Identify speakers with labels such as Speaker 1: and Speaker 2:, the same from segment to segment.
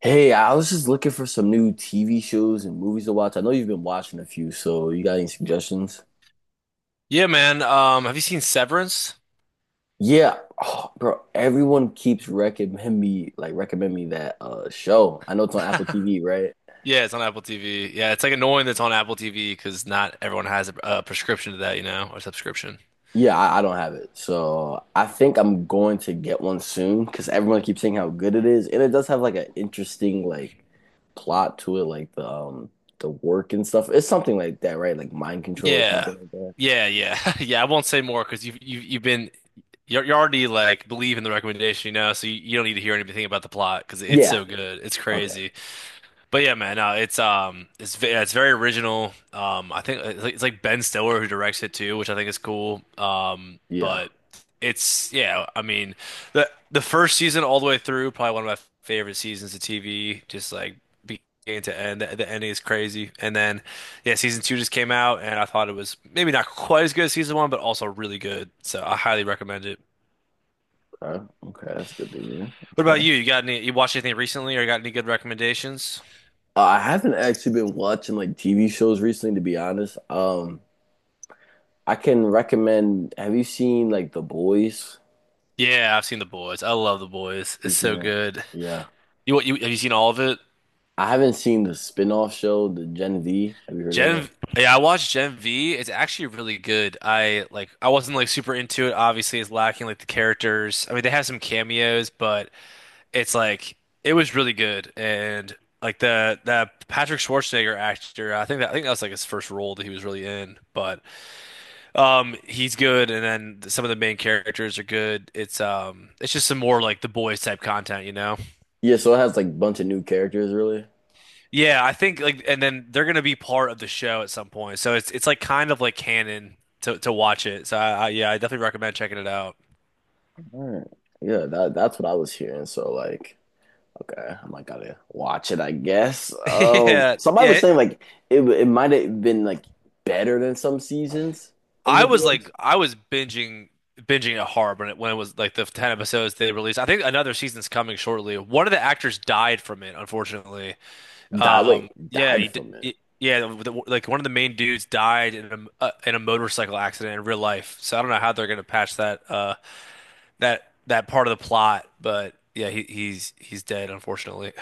Speaker 1: Hey, I was just looking for some new TV shows and movies to watch. I know you've been watching a few, so you got any suggestions?
Speaker 2: Yeah, man. Have you seen Severance?
Speaker 1: Yeah, oh, bro, everyone keeps recommend me that show. I know it's on Apple TV, right?
Speaker 2: Yeah, it's on Apple TV. Yeah, it's like annoying that it's on Apple TV because not everyone has a prescription to that, you know, or subscription.
Speaker 1: Yeah, I don't have it. So I think I'm going to get one soon because everyone keeps saying how good it is. And it does have like an interesting plot to it, like the work and stuff. It's something like that, right? Like mind control or
Speaker 2: Yeah,
Speaker 1: something like that.
Speaker 2: yeah, yeah, yeah. I won't say more because you've been you're already like believe in the recommendation, you know, so you don't need to hear anything about the plot because it's
Speaker 1: Yeah.
Speaker 2: so good. It's
Speaker 1: Okay.
Speaker 2: crazy. But yeah, man, it's yeah, it's very original. I think it's like Ben Stiller who directs it too, which I think is cool.
Speaker 1: Yeah.
Speaker 2: But it's yeah, I mean, the first season all the way through, probably one of my favorite seasons of TV. Just like beginning to end, the ending is crazy. And then yeah, season two just came out, and I thought it was maybe not quite as good as season one, but also really good. So I highly recommend it.
Speaker 1: Okay, okay, that's good to hear.
Speaker 2: What about
Speaker 1: Okay.
Speaker 2: you? You got any? You watched anything recently, or you got any good recommendations?
Speaker 1: I haven't actually been watching like TV shows recently, to be honest. I can recommend, have you seen like The Boys?
Speaker 2: Yeah, I've seen The Boys. I love The Boys.
Speaker 1: You
Speaker 2: It's
Speaker 1: seen
Speaker 2: so
Speaker 1: it?
Speaker 2: good.
Speaker 1: Yeah.
Speaker 2: You what you have you seen all of it?
Speaker 1: I haven't seen the spin-off show, the Gen V. Have you heard of
Speaker 2: Gen
Speaker 1: that?
Speaker 2: yeah, I watched Gen V. It's actually really good. I like I wasn't like super into it. Obviously, it's lacking like the characters. I mean, they have some cameos, but it's like it was really good. And like the that Patrick Schwarzenegger actor, I think that was like his first role that he was really in. But he's good and then some of the main characters are good. It's just some more like The Boys type content, you know?
Speaker 1: Yeah, so it has like a bunch of new characters really.
Speaker 2: Yeah, I think like, and then they're gonna be part of the show at some point. So it's like kind of like canon to watch it. So I yeah, I definitely recommend checking it out.
Speaker 1: All right. Yeah, that's what I was hearing. So like, okay, I might gotta watch it, I guess.
Speaker 2: Yeah,
Speaker 1: Somebody was
Speaker 2: yeah.
Speaker 1: saying like it might have been like better than some seasons of The Boys.
Speaker 2: I was binging it hard when it was like the 10 episodes they released. I think another season's coming shortly. One of the actors died from it, unfortunately.
Speaker 1: Die wait, yeah,
Speaker 2: Yeah,
Speaker 1: died, yeah, from it.
Speaker 2: yeah, like one of the main dudes died in a motorcycle accident in real life. So I don't know how they're gonna patch that that part of the plot, but yeah, he's dead, unfortunately.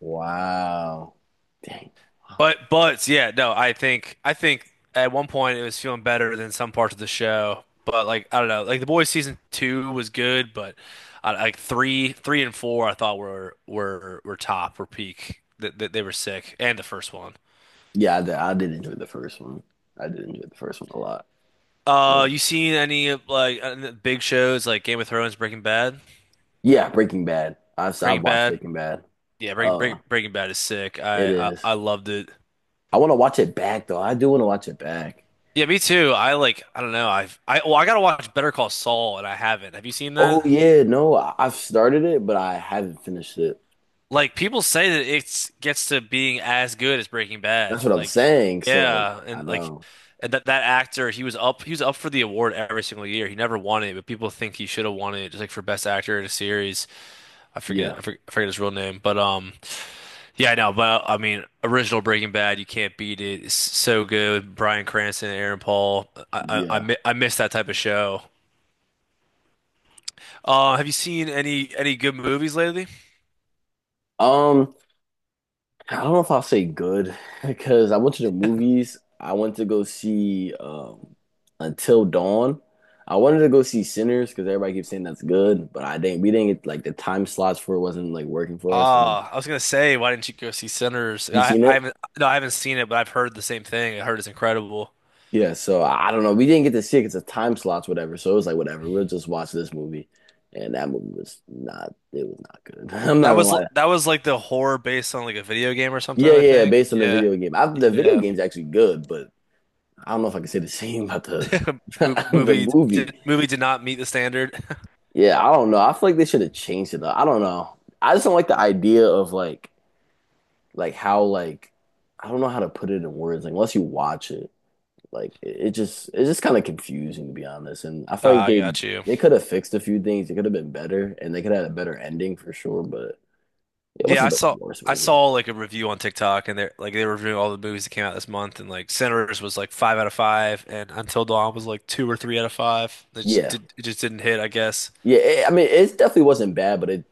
Speaker 1: Wow. Dang. Wow.
Speaker 2: But yeah, no, I think at one point it was feeling better than some parts of the show, but like I don't know, like the boys season two was good, but like three and four I thought were peak. That they were sick, and the first one.
Speaker 1: Yeah, I did enjoy the first one. I did enjoy the first one a lot.
Speaker 2: You seen any of like big shows like Game of Thrones, Breaking Bad?
Speaker 1: Yeah, Breaking Bad. I've
Speaker 2: Breaking
Speaker 1: watched
Speaker 2: Bad,
Speaker 1: Breaking Bad.
Speaker 2: yeah,
Speaker 1: Uh,
Speaker 2: Breaking Bad is sick.
Speaker 1: it is.
Speaker 2: I loved it.
Speaker 1: I want to watch it back though. I do want to watch it back.
Speaker 2: Yeah, me too. I like I don't know. I've I well I gotta watch Better Call Saul and I haven't. Have you seen that?
Speaker 1: Oh yeah, no, I've started it, but I haven't finished it.
Speaker 2: Like people say that it gets to being as good as Breaking Bad.
Speaker 1: That's what I'm
Speaker 2: Like
Speaker 1: saying. So like,
Speaker 2: yeah,
Speaker 1: I
Speaker 2: and like
Speaker 1: know.
Speaker 2: and that actor, he was up for the award every single year. He never won it, but people think he should have won it just like for best actor in a series.
Speaker 1: Yeah,
Speaker 2: I forget his real name, but yeah, I know, but I mean, original Breaking Bad, you can't beat it. It's so good. Bryan Cranston, Aaron Paul.
Speaker 1: yeah.
Speaker 2: I miss that type of show. Have you seen any good movies lately?
Speaker 1: Um. I don't know if I'll say good because I went to the movies. I went to go see Until Dawn. I wanted to go see Sinners because everybody keeps saying that's good, but I didn't. We didn't get like the time slots for it wasn't like working for us. And we,
Speaker 2: Ah, I was gonna say, why didn't you go see Sinners?
Speaker 1: you seen
Speaker 2: I
Speaker 1: it?
Speaker 2: haven't, no, I haven't seen it, but I've heard the same thing. I heard it's incredible.
Speaker 1: Yeah. So I don't know. We didn't get to see it because the time slots, whatever. So it was like whatever. We'll just watch this movie, and that movie was not. It was not good. I'm not gonna lie.
Speaker 2: That was like the horror based on like a video game or something,
Speaker 1: Yeah,
Speaker 2: I
Speaker 1: yeah, yeah,
Speaker 2: think.
Speaker 1: based on the
Speaker 2: Yeah,
Speaker 1: video game, the video
Speaker 2: yeah.
Speaker 1: game's actually good, but I don't know if I can say the same about the the movie.
Speaker 2: Movie did not meet the standard.
Speaker 1: Yeah, I don't know. I feel like they should have changed it. Though. I don't know. I just don't like the idea of how like I don't know how to put it in words. Like unless you watch it, like it just it's just kind of confusing to be honest. And I feel
Speaker 2: Ah,
Speaker 1: like
Speaker 2: I
Speaker 1: they
Speaker 2: got you.
Speaker 1: they could have fixed a few things. It could have been better, and they could have had a better ending for sure. But it
Speaker 2: Yeah,
Speaker 1: wasn't the worst
Speaker 2: I
Speaker 1: movie.
Speaker 2: saw like a review on TikTok, and they were reviewing all the movies that came out this month, and like Sinners was like five out of five, and Until Dawn was like two or three out of five.
Speaker 1: Yeah,
Speaker 2: It just didn't hit, I guess.
Speaker 1: yeah. I mean, it definitely wasn't bad, but it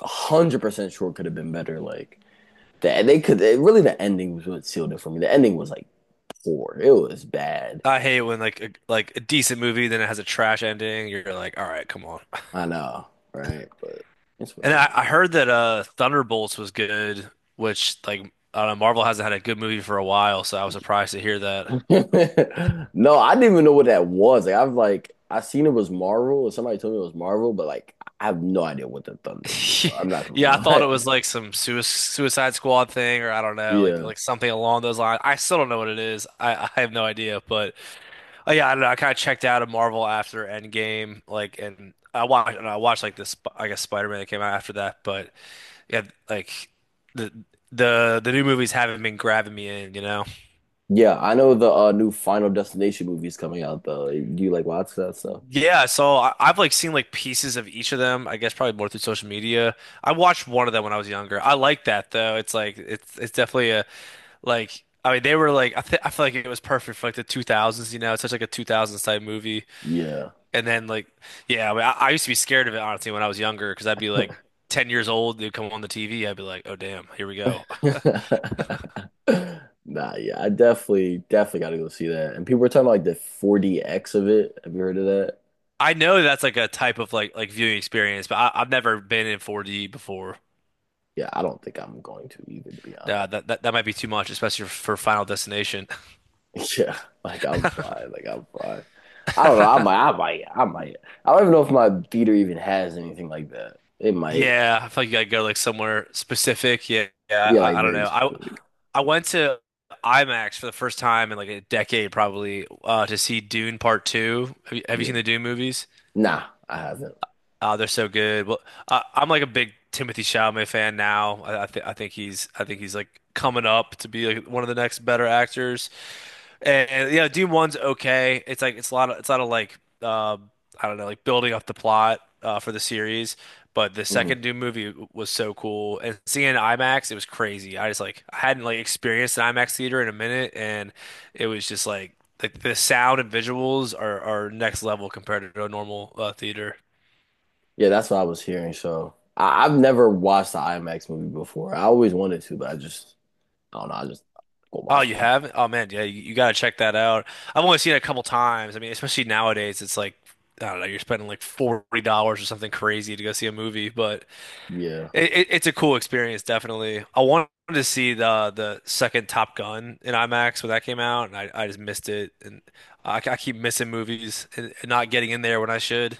Speaker 1: 100% sure could have been better. Like that, they could. It, really, the ending was what sealed it for me. The ending was like poor. It was bad.
Speaker 2: I hate when like like a decent movie then it has a trash ending. You're like, all right, come on.
Speaker 1: I know, right? But it's
Speaker 2: And
Speaker 1: whatever.
Speaker 2: I heard that Thunderbolts was good, which like I don't know, Marvel hasn't had a good movie for a while, so I was surprised to hear that.
Speaker 1: No, I didn't even know what that was. Like I seen it was Marvel, and somebody told me it was Marvel, but like I have no idea what the Thunderbolts are. I'm not gonna
Speaker 2: Yeah, I thought it was
Speaker 1: lie.
Speaker 2: like some sui Suicide Squad thing, or I don't know,
Speaker 1: Yeah.
Speaker 2: like something along those lines. I still don't know what it is. I have no idea, but oh yeah, I don't know. I kind of checked out of Marvel after Endgame, like, and I watched like this, I guess Spider-Man that came out after that, but. Yeah, like the the new movies haven't been grabbing me in, you know.
Speaker 1: Yeah, I know the new Final Destination movie's coming out though. Do you like watch that stuff?
Speaker 2: Yeah, so I've like seen like pieces of each of them. I guess probably more through social media. I watched one of them when I was younger. I like that though. It's like it's definitely a like I mean they were like I feel like it was perfect for like the 2000s, you know. It's such like a 2000s type movie.
Speaker 1: Yeah.
Speaker 2: And then like yeah, I mean, I used to be scared of it, honestly, when I was younger because I'd be like 10 years old, they'd come on the TV, I'd be like, "Oh damn, here we go."
Speaker 1: Nah, yeah, I definitely gotta go see that. And people were talking about like the 4DX of it. Have you heard of that?
Speaker 2: I know that's like a type of like viewing experience, but I've never been in 4D before.
Speaker 1: Yeah, I don't think I'm going to either, to be
Speaker 2: Nah,
Speaker 1: honest.
Speaker 2: that might be too much, especially for Final Destination.
Speaker 1: Yeah, like I'm fine. Like I'm fine. I don't know. I might. I might. I might. I don't even know if my theater even has anything like that. It might.
Speaker 2: Yeah, I feel like you gotta go like somewhere specific. Yeah, yeah.
Speaker 1: Yeah, like
Speaker 2: I don't
Speaker 1: very
Speaker 2: know.
Speaker 1: specific.
Speaker 2: I went to IMAX for the first time in like a decade, probably, to see Dune Part Two. Have you seen
Speaker 1: Yeah.
Speaker 2: the Dune movies?
Speaker 1: Nah, I haven't.
Speaker 2: They're so good. Well, I'm like a big Timothy Chalamet fan now. I think he's like coming up to be like one of the next better actors. And, you know, Dune One's okay. It's like it's a lot of like um, I don't know, like building up the plot for the series. But the second
Speaker 1: Hmm.
Speaker 2: Doom movie was so cool, and seeing it in IMAX, it was crazy. I just like I hadn't like experienced an IMAX theater in a minute, and it was just like the sound and visuals are next level compared to a normal theater.
Speaker 1: Yeah, that's what I was hearing. So I've never watched the IMAX movie before. I always wanted to, but I just I don't know. I just go
Speaker 2: Oh,
Speaker 1: watch
Speaker 2: you
Speaker 1: it.
Speaker 2: haven't? Oh man, yeah, you gotta check that out. I've only seen it a couple times. I mean, especially nowadays, it's like I don't know, you're spending like $40 or something crazy to go see a movie, but
Speaker 1: Yeah,
Speaker 2: it, it's a cool experience, definitely. I wanted to see the second Top Gun in IMAX when that came out, and I just missed it. And I keep missing movies and not getting in there when I should.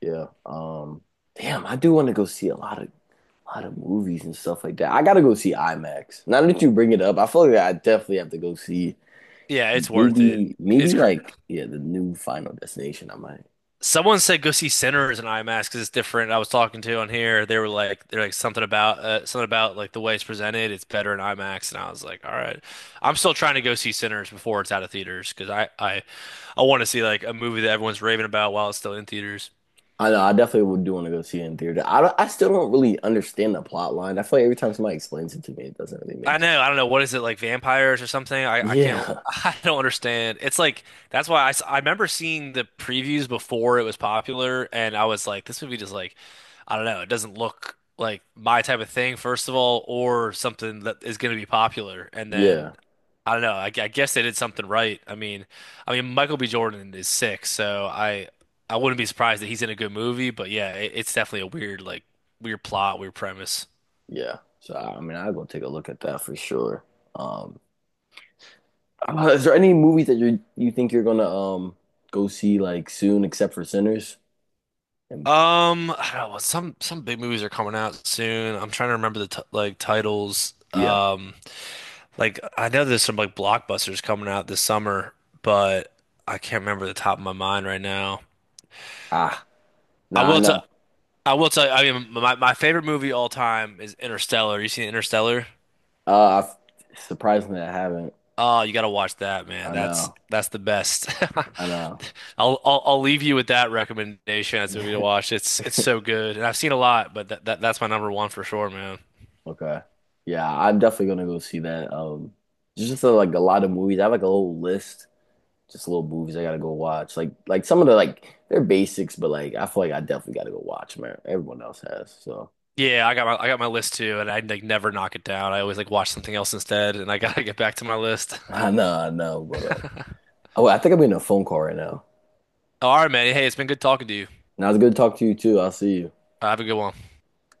Speaker 1: yeah. Damn, I do want to go see a lot of movies and stuff like that. I gotta go see IMAX. Now that you bring it up, I feel like I definitely have to go see.
Speaker 2: Yeah, it's worth it.
Speaker 1: Maybe, maybe
Speaker 2: It's cra
Speaker 1: like yeah, the new Final Destination. I might.
Speaker 2: Someone said go see Sinners in IMAX because it's different. I was talking to on here. They were like, they're like something about like the way it's presented. It's better in IMAX, and I was like, all right. I'm still trying to go see Sinners before it's out of theaters because I want to see like a movie that everyone's raving about while it's still in theaters.
Speaker 1: I know. I definitely would do want to go see it in theater. I don't, I still don't really understand the plot line. I feel like every time somebody explains it to me, it doesn't really
Speaker 2: I
Speaker 1: make.
Speaker 2: know. I don't know. What is it like vampires or something? I can't,
Speaker 1: Yeah,
Speaker 2: I don't understand. It's like, that's why I remember seeing the previews before it was popular, and I was like, this movie just like, I don't know, it doesn't look like my type of thing, first of all, or something that is going to be popular. And then
Speaker 1: yeah,
Speaker 2: I don't know. I guess they did something right. I mean, Michael B. Jordan is sick, so I wouldn't be surprised that he's in a good movie, but yeah, it's definitely a weird, like, weird plot, weird premise.
Speaker 1: yeah. So I mean, I'll go take a look at that for sure. Um, is there any movies that you think you're gonna go see like soon, except for Sinners? And
Speaker 2: I don't know. Some big movies are coming out soon. I'm trying to remember the t like titles.
Speaker 1: yeah,
Speaker 2: Like I know there's some like blockbusters coming out this summer, but I can't remember the top of my mind right now.
Speaker 1: ah,
Speaker 2: I
Speaker 1: nah, I
Speaker 2: will
Speaker 1: know.
Speaker 2: tell. I will tell you. I mean, my favorite movie all time is Interstellar. You seen Interstellar?
Speaker 1: I've, surprisingly, I haven't.
Speaker 2: Oh, you gotta watch that, man.
Speaker 1: I know,
Speaker 2: That's the best.
Speaker 1: I know.
Speaker 2: I'll leave you with that recommendation as a movie to watch. It's so good, and I've seen a lot, but that's my number one for sure, man.
Speaker 1: Okay. Yeah, I'm definitely gonna go see that. There's just like a lot of movies. I have like a whole list, just little movies I gotta go watch. Some of the like they're basics, but like I feel like I definitely gotta go watch, man. Everyone else has, so
Speaker 2: Yeah, I got my list too, and I like never knock it down. I always like watch something else instead, and I gotta get back to my list.
Speaker 1: I know, I know. But oh, I think I'm getting a phone call right now.
Speaker 2: All right, man. Hey, it's been good talking to you.
Speaker 1: Now it's good to talk to you too. I'll see you.
Speaker 2: Have a good one.